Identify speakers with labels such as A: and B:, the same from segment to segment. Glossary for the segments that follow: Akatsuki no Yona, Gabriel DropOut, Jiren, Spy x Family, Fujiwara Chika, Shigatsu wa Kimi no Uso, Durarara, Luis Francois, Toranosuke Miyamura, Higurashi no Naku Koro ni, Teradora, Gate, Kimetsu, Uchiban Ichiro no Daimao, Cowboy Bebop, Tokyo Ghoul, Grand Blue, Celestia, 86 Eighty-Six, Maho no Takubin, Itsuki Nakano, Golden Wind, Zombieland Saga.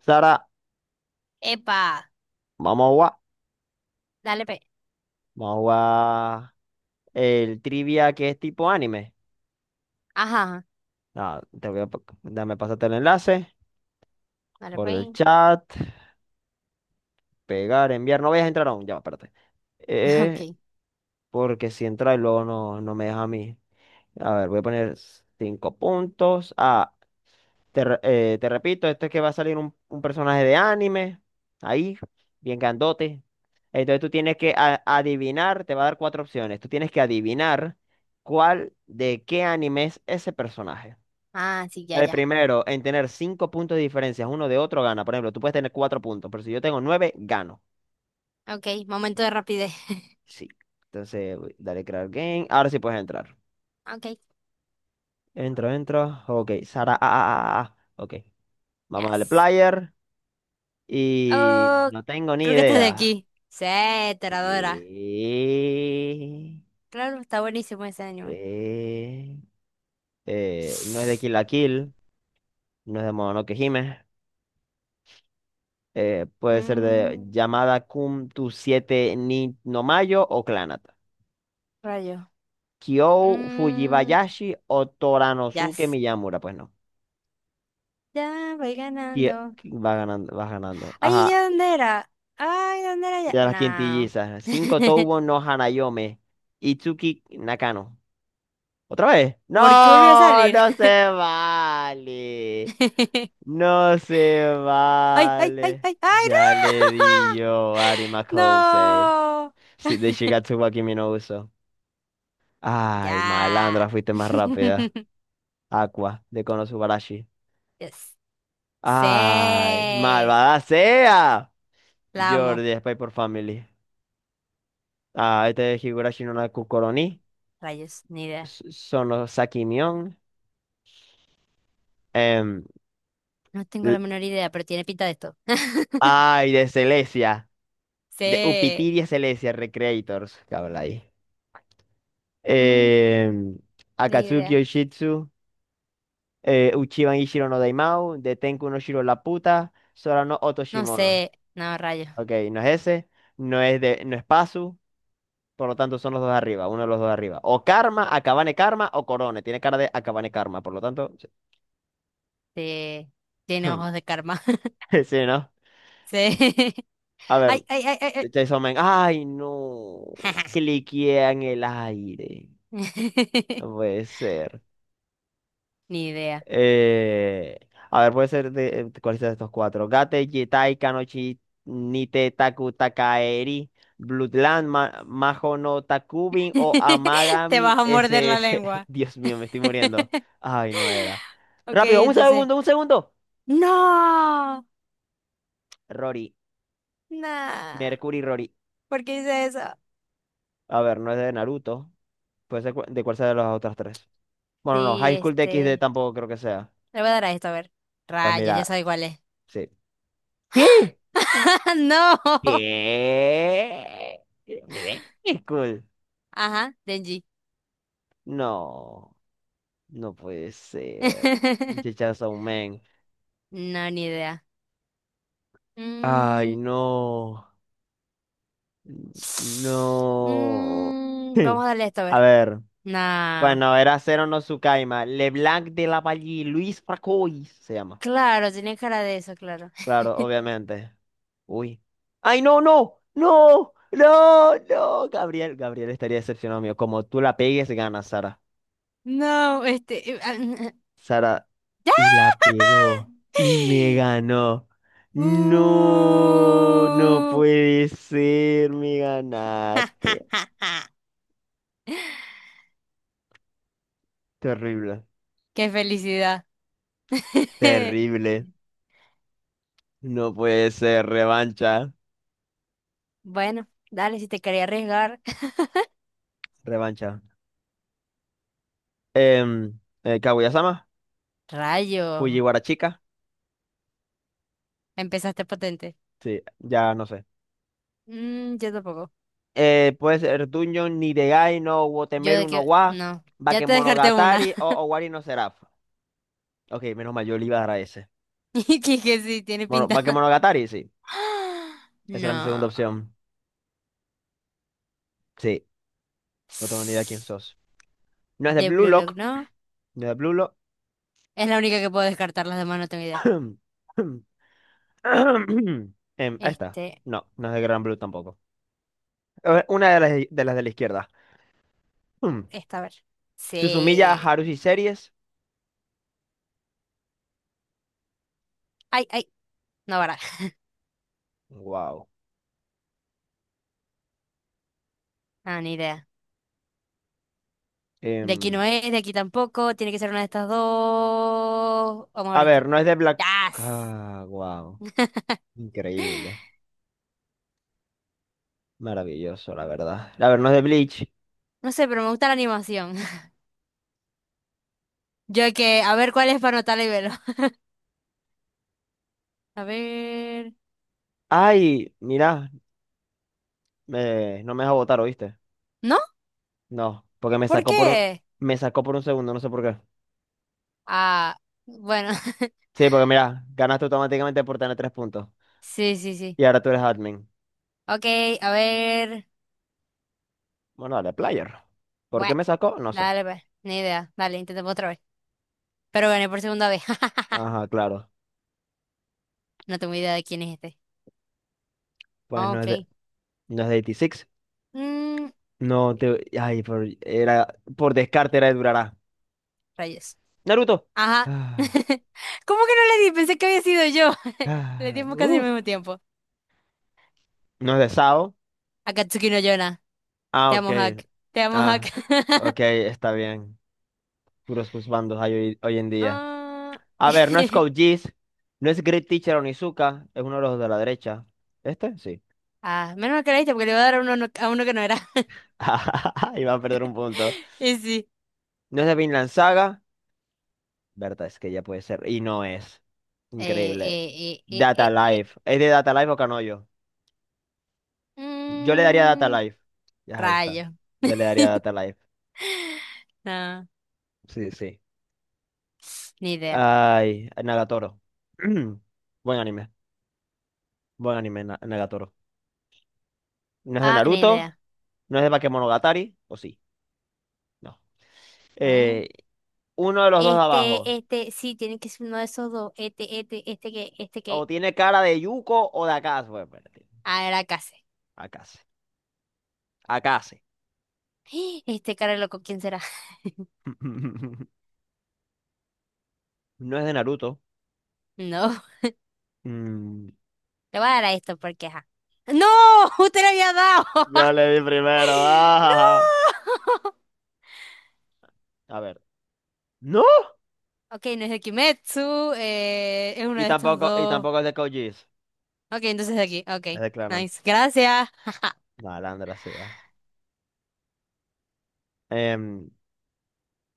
A: Sara,
B: Epa,
A: vamos a jugar.
B: dale, pe.
A: Vamos a jugar el trivia que es tipo anime.
B: Ajá, ajá,
A: Nada, te voy a dame pasarte el enlace
B: dale,
A: por
B: pe.
A: el chat. Pegar, enviar. No vayas a entrar aún. Ya, va, espérate.
B: Ok.
A: Eh, porque si entra y luego no me deja a mí. A ver, voy a poner cinco puntos. Ah. Te repito, esto es que va a salir un personaje de anime, ahí, bien grandote. Entonces tú tienes que adivinar, te va a dar cuatro opciones. Tú tienes que adivinar cuál de qué anime es ese personaje.
B: Ah, sí, ya,
A: El
B: ya.
A: primero en tener cinco puntos de diferencia uno de otro gana. Por ejemplo, tú puedes tener cuatro puntos, pero si yo tengo nueve, gano.
B: Ok, momento de rapidez.
A: Sí. Entonces, dale crear game. Ahora sí puedes entrar.
B: Ok,
A: Entro, entro. Ok, Sara. Ah, ah, ah, ah, ah. Ok. Vamos a darle
B: yes.
A: player. Y
B: Oh,
A: no tengo ni
B: creo que estás de
A: idea.
B: aquí. Sí, Teradora.
A: Y...
B: Claro, está buenísimo ese anime.
A: eh, no es de Kill la Kill, no es de Mononoke Hime, puede ser de
B: Mm,
A: Yamada Kun tu siete ni no Mayo o Clanata.
B: rayo.
A: Kyo
B: Mm,
A: Fujibayashi o Toranosuke
B: yes.
A: Miyamura, pues no.
B: Ya voy
A: Ki-
B: ganando.
A: Va ganando, vas ganando.
B: Ay,
A: Ajá,
B: ¿ya dónde era? Ay, ¿dónde era
A: y
B: ya?
A: de las
B: No.
A: quintillizas. Cinco Toubo no Hanayome, Itsuki Nakano. ¿Otra vez?
B: ¿Por qué volvió a
A: No,
B: salir?
A: no se vale. No se
B: ¡Ay, ay, ay,
A: vale.
B: ay! ¡Ay,
A: Ya le di yo a Ari Macouse.
B: no!
A: De
B: ¡No!
A: Shigatsu wa Kimi no Uso. Ay,
B: Ya.
A: malandra, fuiste más rápida. Aqua, de Konosubarashi.
B: Yes. Sí.
A: Ay,
B: La
A: malvada sea.
B: amo.
A: Jordi, Spy por Family. Ah, este es Higurashi no Naku Koroni.
B: Rayos, ni idea.
A: Sono Sakimion. Em,
B: No tengo
A: l-
B: la menor idea, pero tiene pinta de esto.
A: ay, de Celestia. De
B: Sí.
A: Upitiria Celestia Recreators. ¿Qué habla ahí?
B: Mm,
A: eh,
B: ni
A: Akatsuki
B: idea.
A: Yoshitsu, Uchiban Ichiro no Daimao, de Tenku no Shiro la puta, Sora no Oto
B: No
A: Shimono.
B: sé. No, rayos.
A: Ok, no es ese, no es Pazu, por lo tanto son los dos de arriba, uno de los dos de arriba. O Karma, Akabane Karma o Corone, tiene cara de Akabane Karma, por lo tanto, sí,
B: Sí. Tiene ojos de karma.
A: sí, ¿no?
B: Sí.
A: A ver,
B: Ay, ay, ay, ay,
A: Chainsaw Man, ay no,
B: ay.
A: cliquea en el aire, no puede ser.
B: Ni idea.
A: Eh, a ver, puede ser de, ¿cuál es de estos cuatro? Gate, Jetai, Kanochi, Nite, Taku, Takaeri, Bloodland, Maho no Takubin o
B: Te vas
A: Amagami
B: a morder la
A: SS.
B: lengua.
A: Dios mío, me estoy muriendo. Ay, no era.
B: Ok,
A: Rápido, un
B: entonces.
A: segundo, un segundo.
B: No,
A: Rory,
B: no.
A: Mercury Rory.
B: ¿Por qué hice eso?
A: A ver, no es de Naruto. Puede ser de cuál sea de las otras tres. Bueno, no,
B: Sí,
A: High School de x DxD
B: este.
A: tampoco creo que sea.
B: Le voy a dar a esto, a ver.
A: Pues
B: Rayos, ya
A: mira,
B: sabe cuál es.
A: sí. ¿Qué?
B: ¡No!
A: ¿Qué? Cool.
B: Ajá, Denji.
A: No, no puede ser. Chichazo, man.
B: No, ni idea.
A: Ay,
B: Mm,
A: no. No.
B: mm, vamos a darle esto, a
A: A
B: ver.
A: ver.
B: No.
A: Bueno, era Cero no Sukaima. LeBlanc de la Valle, Luis Fracois se llama.
B: Claro, tiene cara de eso, claro.
A: Claro, obviamente. Uy. ¡Ay, no, no! ¡No! ¡No! ¡No! Gabriel, Gabriel estaría decepcionado mío. Como tú la pegues, ganas, Sara.
B: No, este. Ah,
A: Sara,
B: ¡Ya!
A: y la pegó y me ganó.
B: ¡Uh!
A: No, no puede ser, me ganaste. Terrible,
B: ¡Qué felicidad!
A: terrible. No puede ser, revancha,
B: Bueno, dale, si te quería arriesgar.
A: revancha. Kaguya-sama,
B: Rayo,
A: Fujiwara-chika.
B: empezaste potente.
A: Sí, ya no sé.
B: Mm, yo tampoco.
A: Puede ser Dungeon Nidegai no
B: Yo
A: Wotemeru
B: de
A: no
B: que,
A: wa
B: no, ya te descarté una.
A: Bakemonogatari o Owari no Seraph. Ok, menos mal, yo le iba a dar a ese.
B: Y que sí, tiene
A: Bueno,
B: pinta.
A: Bakemonogatari, sí. Esa era mi segunda
B: No.
A: opción. Sí, no tengo ni idea quién sos. No es de
B: De
A: Blue
B: Blue Lock,
A: Lock.
B: no.
A: No es de Blue Lock.
B: Es la única que puedo descartar, las demás no tengo idea.
A: Ahí está.
B: Este,
A: No, no es de Gran Blue tampoco. A ver, una de las de, las de la izquierda. Hmm.
B: esta, a ver.
A: Susumiya
B: Sí.
A: Haruhi Series.
B: Ay, ay, no baraja.
A: Wow.
B: Ah, ni idea. De aquí no es, de aquí tampoco. Tiene que ser una de estas dos. Vamos a
A: A
B: ver
A: ver,
B: este.
A: no es de Black.
B: ¡Yas!
A: Ah, wow. Increíble. Maravilloso, la verdad. A ver, no es de Bleach.
B: No sé, pero me gusta la animación. Yo que, a ver cuál es para anotarla y verlo. A ver.
A: Ay, mira, no me deja votar, ¿oíste?
B: ¿No?
A: No, porque
B: ¿Por qué?
A: me sacó por un segundo, no sé por qué.
B: Ah, bueno.
A: Sí, porque mira, ganaste automáticamente por tener tres puntos.
B: Sí, sí, sí.
A: Y ahora tú eres admin.
B: Ok, a ver.
A: Bueno, dale, player. ¿Por
B: Bueno,
A: qué me sacó? No sé.
B: dale, pues. Ni idea. Dale, intentemos otra vez. Pero gané por segunda vez.
A: Ajá, claro.
B: No tengo idea de quién es este.
A: Pues
B: Ah, ok.
A: no es de 86.
B: Mm,
A: No te. Ay, por, era, por descarte era de Durará.
B: rayos.
A: Naruto.
B: Ajá.
A: Ah,
B: ¿Cómo que no le di? Pensé que había sido yo. Le
A: ah,
B: dimos casi al
A: uf.
B: mismo tiempo.
A: No es de Sao.
B: Akatsuki no Yona.
A: Ah,
B: Te
A: ok.
B: amo, Hack. Te amo, Hack.
A: Ah, ok, está bien. Puros juzbandos hay hoy, hoy en día.
B: Ah,
A: A ver, no es Code Geass, no es Great Teacher Onizuka. Es uno de los de la derecha. ¿Este? Sí.
B: ah, menos mal que le diste porque le iba a dar a uno, no, a uno que no era.
A: Iba a perder un punto.
B: Y sí.
A: No es de Vinland Saga. Verdad, es que ya puede ser. Y no es.
B: Eh,
A: Increíble.
B: eh, eh,
A: Data
B: eh, eh, eh.
A: Life. ¿Es de Data Life o Canoyo? Yo le daría Data
B: Mm,
A: Life. Ya, ahí está.
B: rayo.
A: Yo le daría Data Life.
B: No,
A: Sí, sí.
B: ni idea.
A: Ay, Nagatoro. Buen anime. Buen anime, Nagatoro. No es de
B: Ah, ni
A: Naruto,
B: idea.
A: no es de Bakemonogatari, o sí. No.
B: Mm.
A: Eh, uno de los dos de
B: Este,
A: abajo.
B: este, sí, tiene que ser uno de esos dos. Este que, este
A: O
B: que.
A: tiene cara de Yuko o de Akase. Bueno, espérate.
B: Ah, era casi.
A: Akase. Akase.
B: Este cara loco, ¿quién será?
A: No es de Naruto.
B: No,
A: Mm,
B: le voy a dar a esto porque, ajá. ¡No! ¡Usted le había dado!
A: yo le di primero. Ah.
B: ¡No!
A: A ver. No.
B: Ok, no es de Kimetsu, es uno de estos
A: Y
B: dos.
A: tampoco es de Code.
B: Ok, entonces de aquí,
A: Es
B: ok.
A: de Clannad.
B: Nice, gracias.
A: No, Alandra, sí. Ah. Em,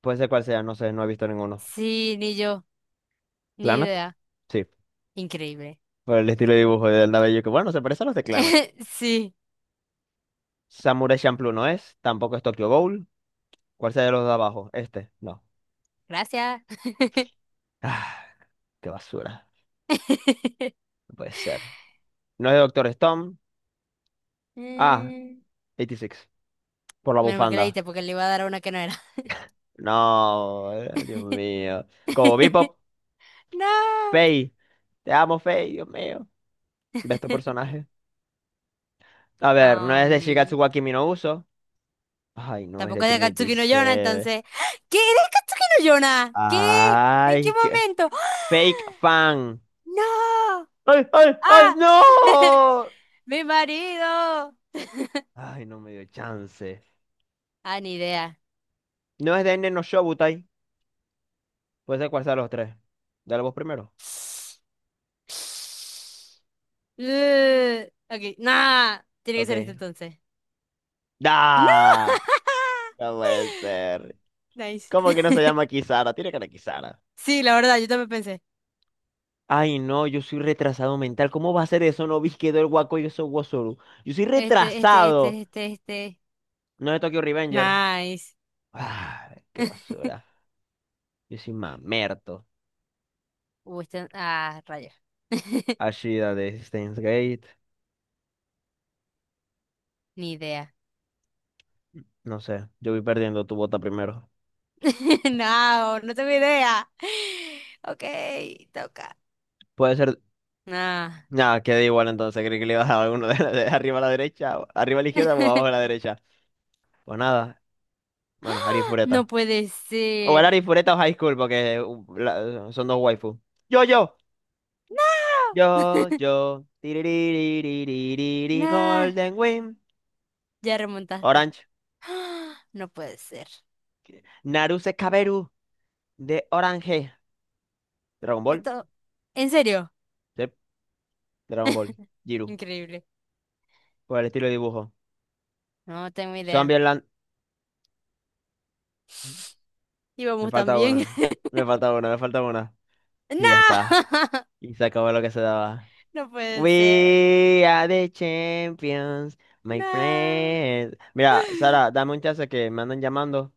A: puede ser cual sea, no sé, no he visto ninguno.
B: Sí, ni yo. Ni
A: ¿Clannad?
B: idea.
A: Sí.
B: Increíble.
A: Por el estilo de dibujo del cabello que bueno, se parece a los de Clannad.
B: Sí,
A: Samurai Champloo no es, tampoco es Tokyo Ghoul. ¿Cuál sea de los de abajo? Este, no.
B: gracias.
A: Ah, qué basura. No puede ser. No es de Doctor Stone. Ah,
B: Mm,
A: 86. Por la
B: menos mal que la
A: bufanda.
B: diste porque le iba a dar a una que no era.
A: No, Dios mío. Como Bebop,
B: No.
A: Faye. Te amo, Faye, Dios mío. De estos personajes. A ver, no es de Shigatsu
B: Am,
A: wa Kimi no Uso. Ay, no, es de
B: tampoco es de
A: Trinity
B: Katsuki no Yona,
A: Seven.
B: entonces. ¿Qué? ¿Eres Katsuki no Yona? ¿Qué? ¿En qué
A: Ay, qué...
B: momento?
A: Fake
B: ¡Ah!
A: fan.
B: ¡No!
A: ¡Ay, ay, ay,
B: ¡Ah!
A: no!
B: ¡Mi marido!
A: Ay, no me dio chance.
B: Ah, ni idea.
A: No es de Nen no Shobutai. Puede ser cuál sea de los tres. Dale vos primero.
B: Ugh. Ok, nah. Tiene que ser este
A: Ok.
B: entonces. ¡No!
A: ¡Da! No puede ser.
B: Nice.
A: ¿Cómo que no se llama Kisara? Tiene cara de Kisara.
B: Sí, la verdad, yo también pensé.
A: Ay, no, yo soy retrasado mental. ¿Cómo va a ser eso? No vi que quedó el guaco y eso Wozoru. Yo soy
B: Este, este,
A: retrasado.
B: este, este, este.
A: No es de Tokyo Revenger.
B: Nice.
A: Ah, qué basura. Yo soy mamerto.
B: Este, ah, rayos.
A: Ashida de Steins Gate.
B: Ni idea.
A: No sé, yo voy perdiendo tu bota primero.
B: No, no tengo idea. Ok, toca.
A: Puede ser.
B: Nah.
A: Nada, queda igual entonces. Creí que le ibas a dar alguno de, de arriba a la derecha, arriba a la izquierda o abajo a la derecha. Pues nada, bueno, Ari Fureta.
B: No puede
A: O el
B: ser.
A: Ari Fureta o High School, porque son dos waifu. Yo, yo,
B: No.
A: yo, yo. Tiririririririri,
B: Nah,
A: Golden Wind.
B: ya remontaste.
A: Orange.
B: No puede ser.
A: Naruse Kaberu de Orange. Dragon Ball.
B: Esto, ¿en serio?
A: Sí, Dragon Ball. Jiru.
B: Increíble.
A: Por el estilo de dibujo.
B: No tengo idea.
A: Zombieland, me
B: Íbamos tan
A: falta
B: bien.
A: una, me falta una, me falta una. Y ya
B: No,
A: está. Y se acabó lo que se daba.
B: no puede ser.
A: We are the champions, my
B: No.
A: friend. Mira, Sara, dame un chance que me andan llamando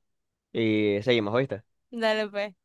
A: y seguimos, ¿oíste?
B: Dale, pues.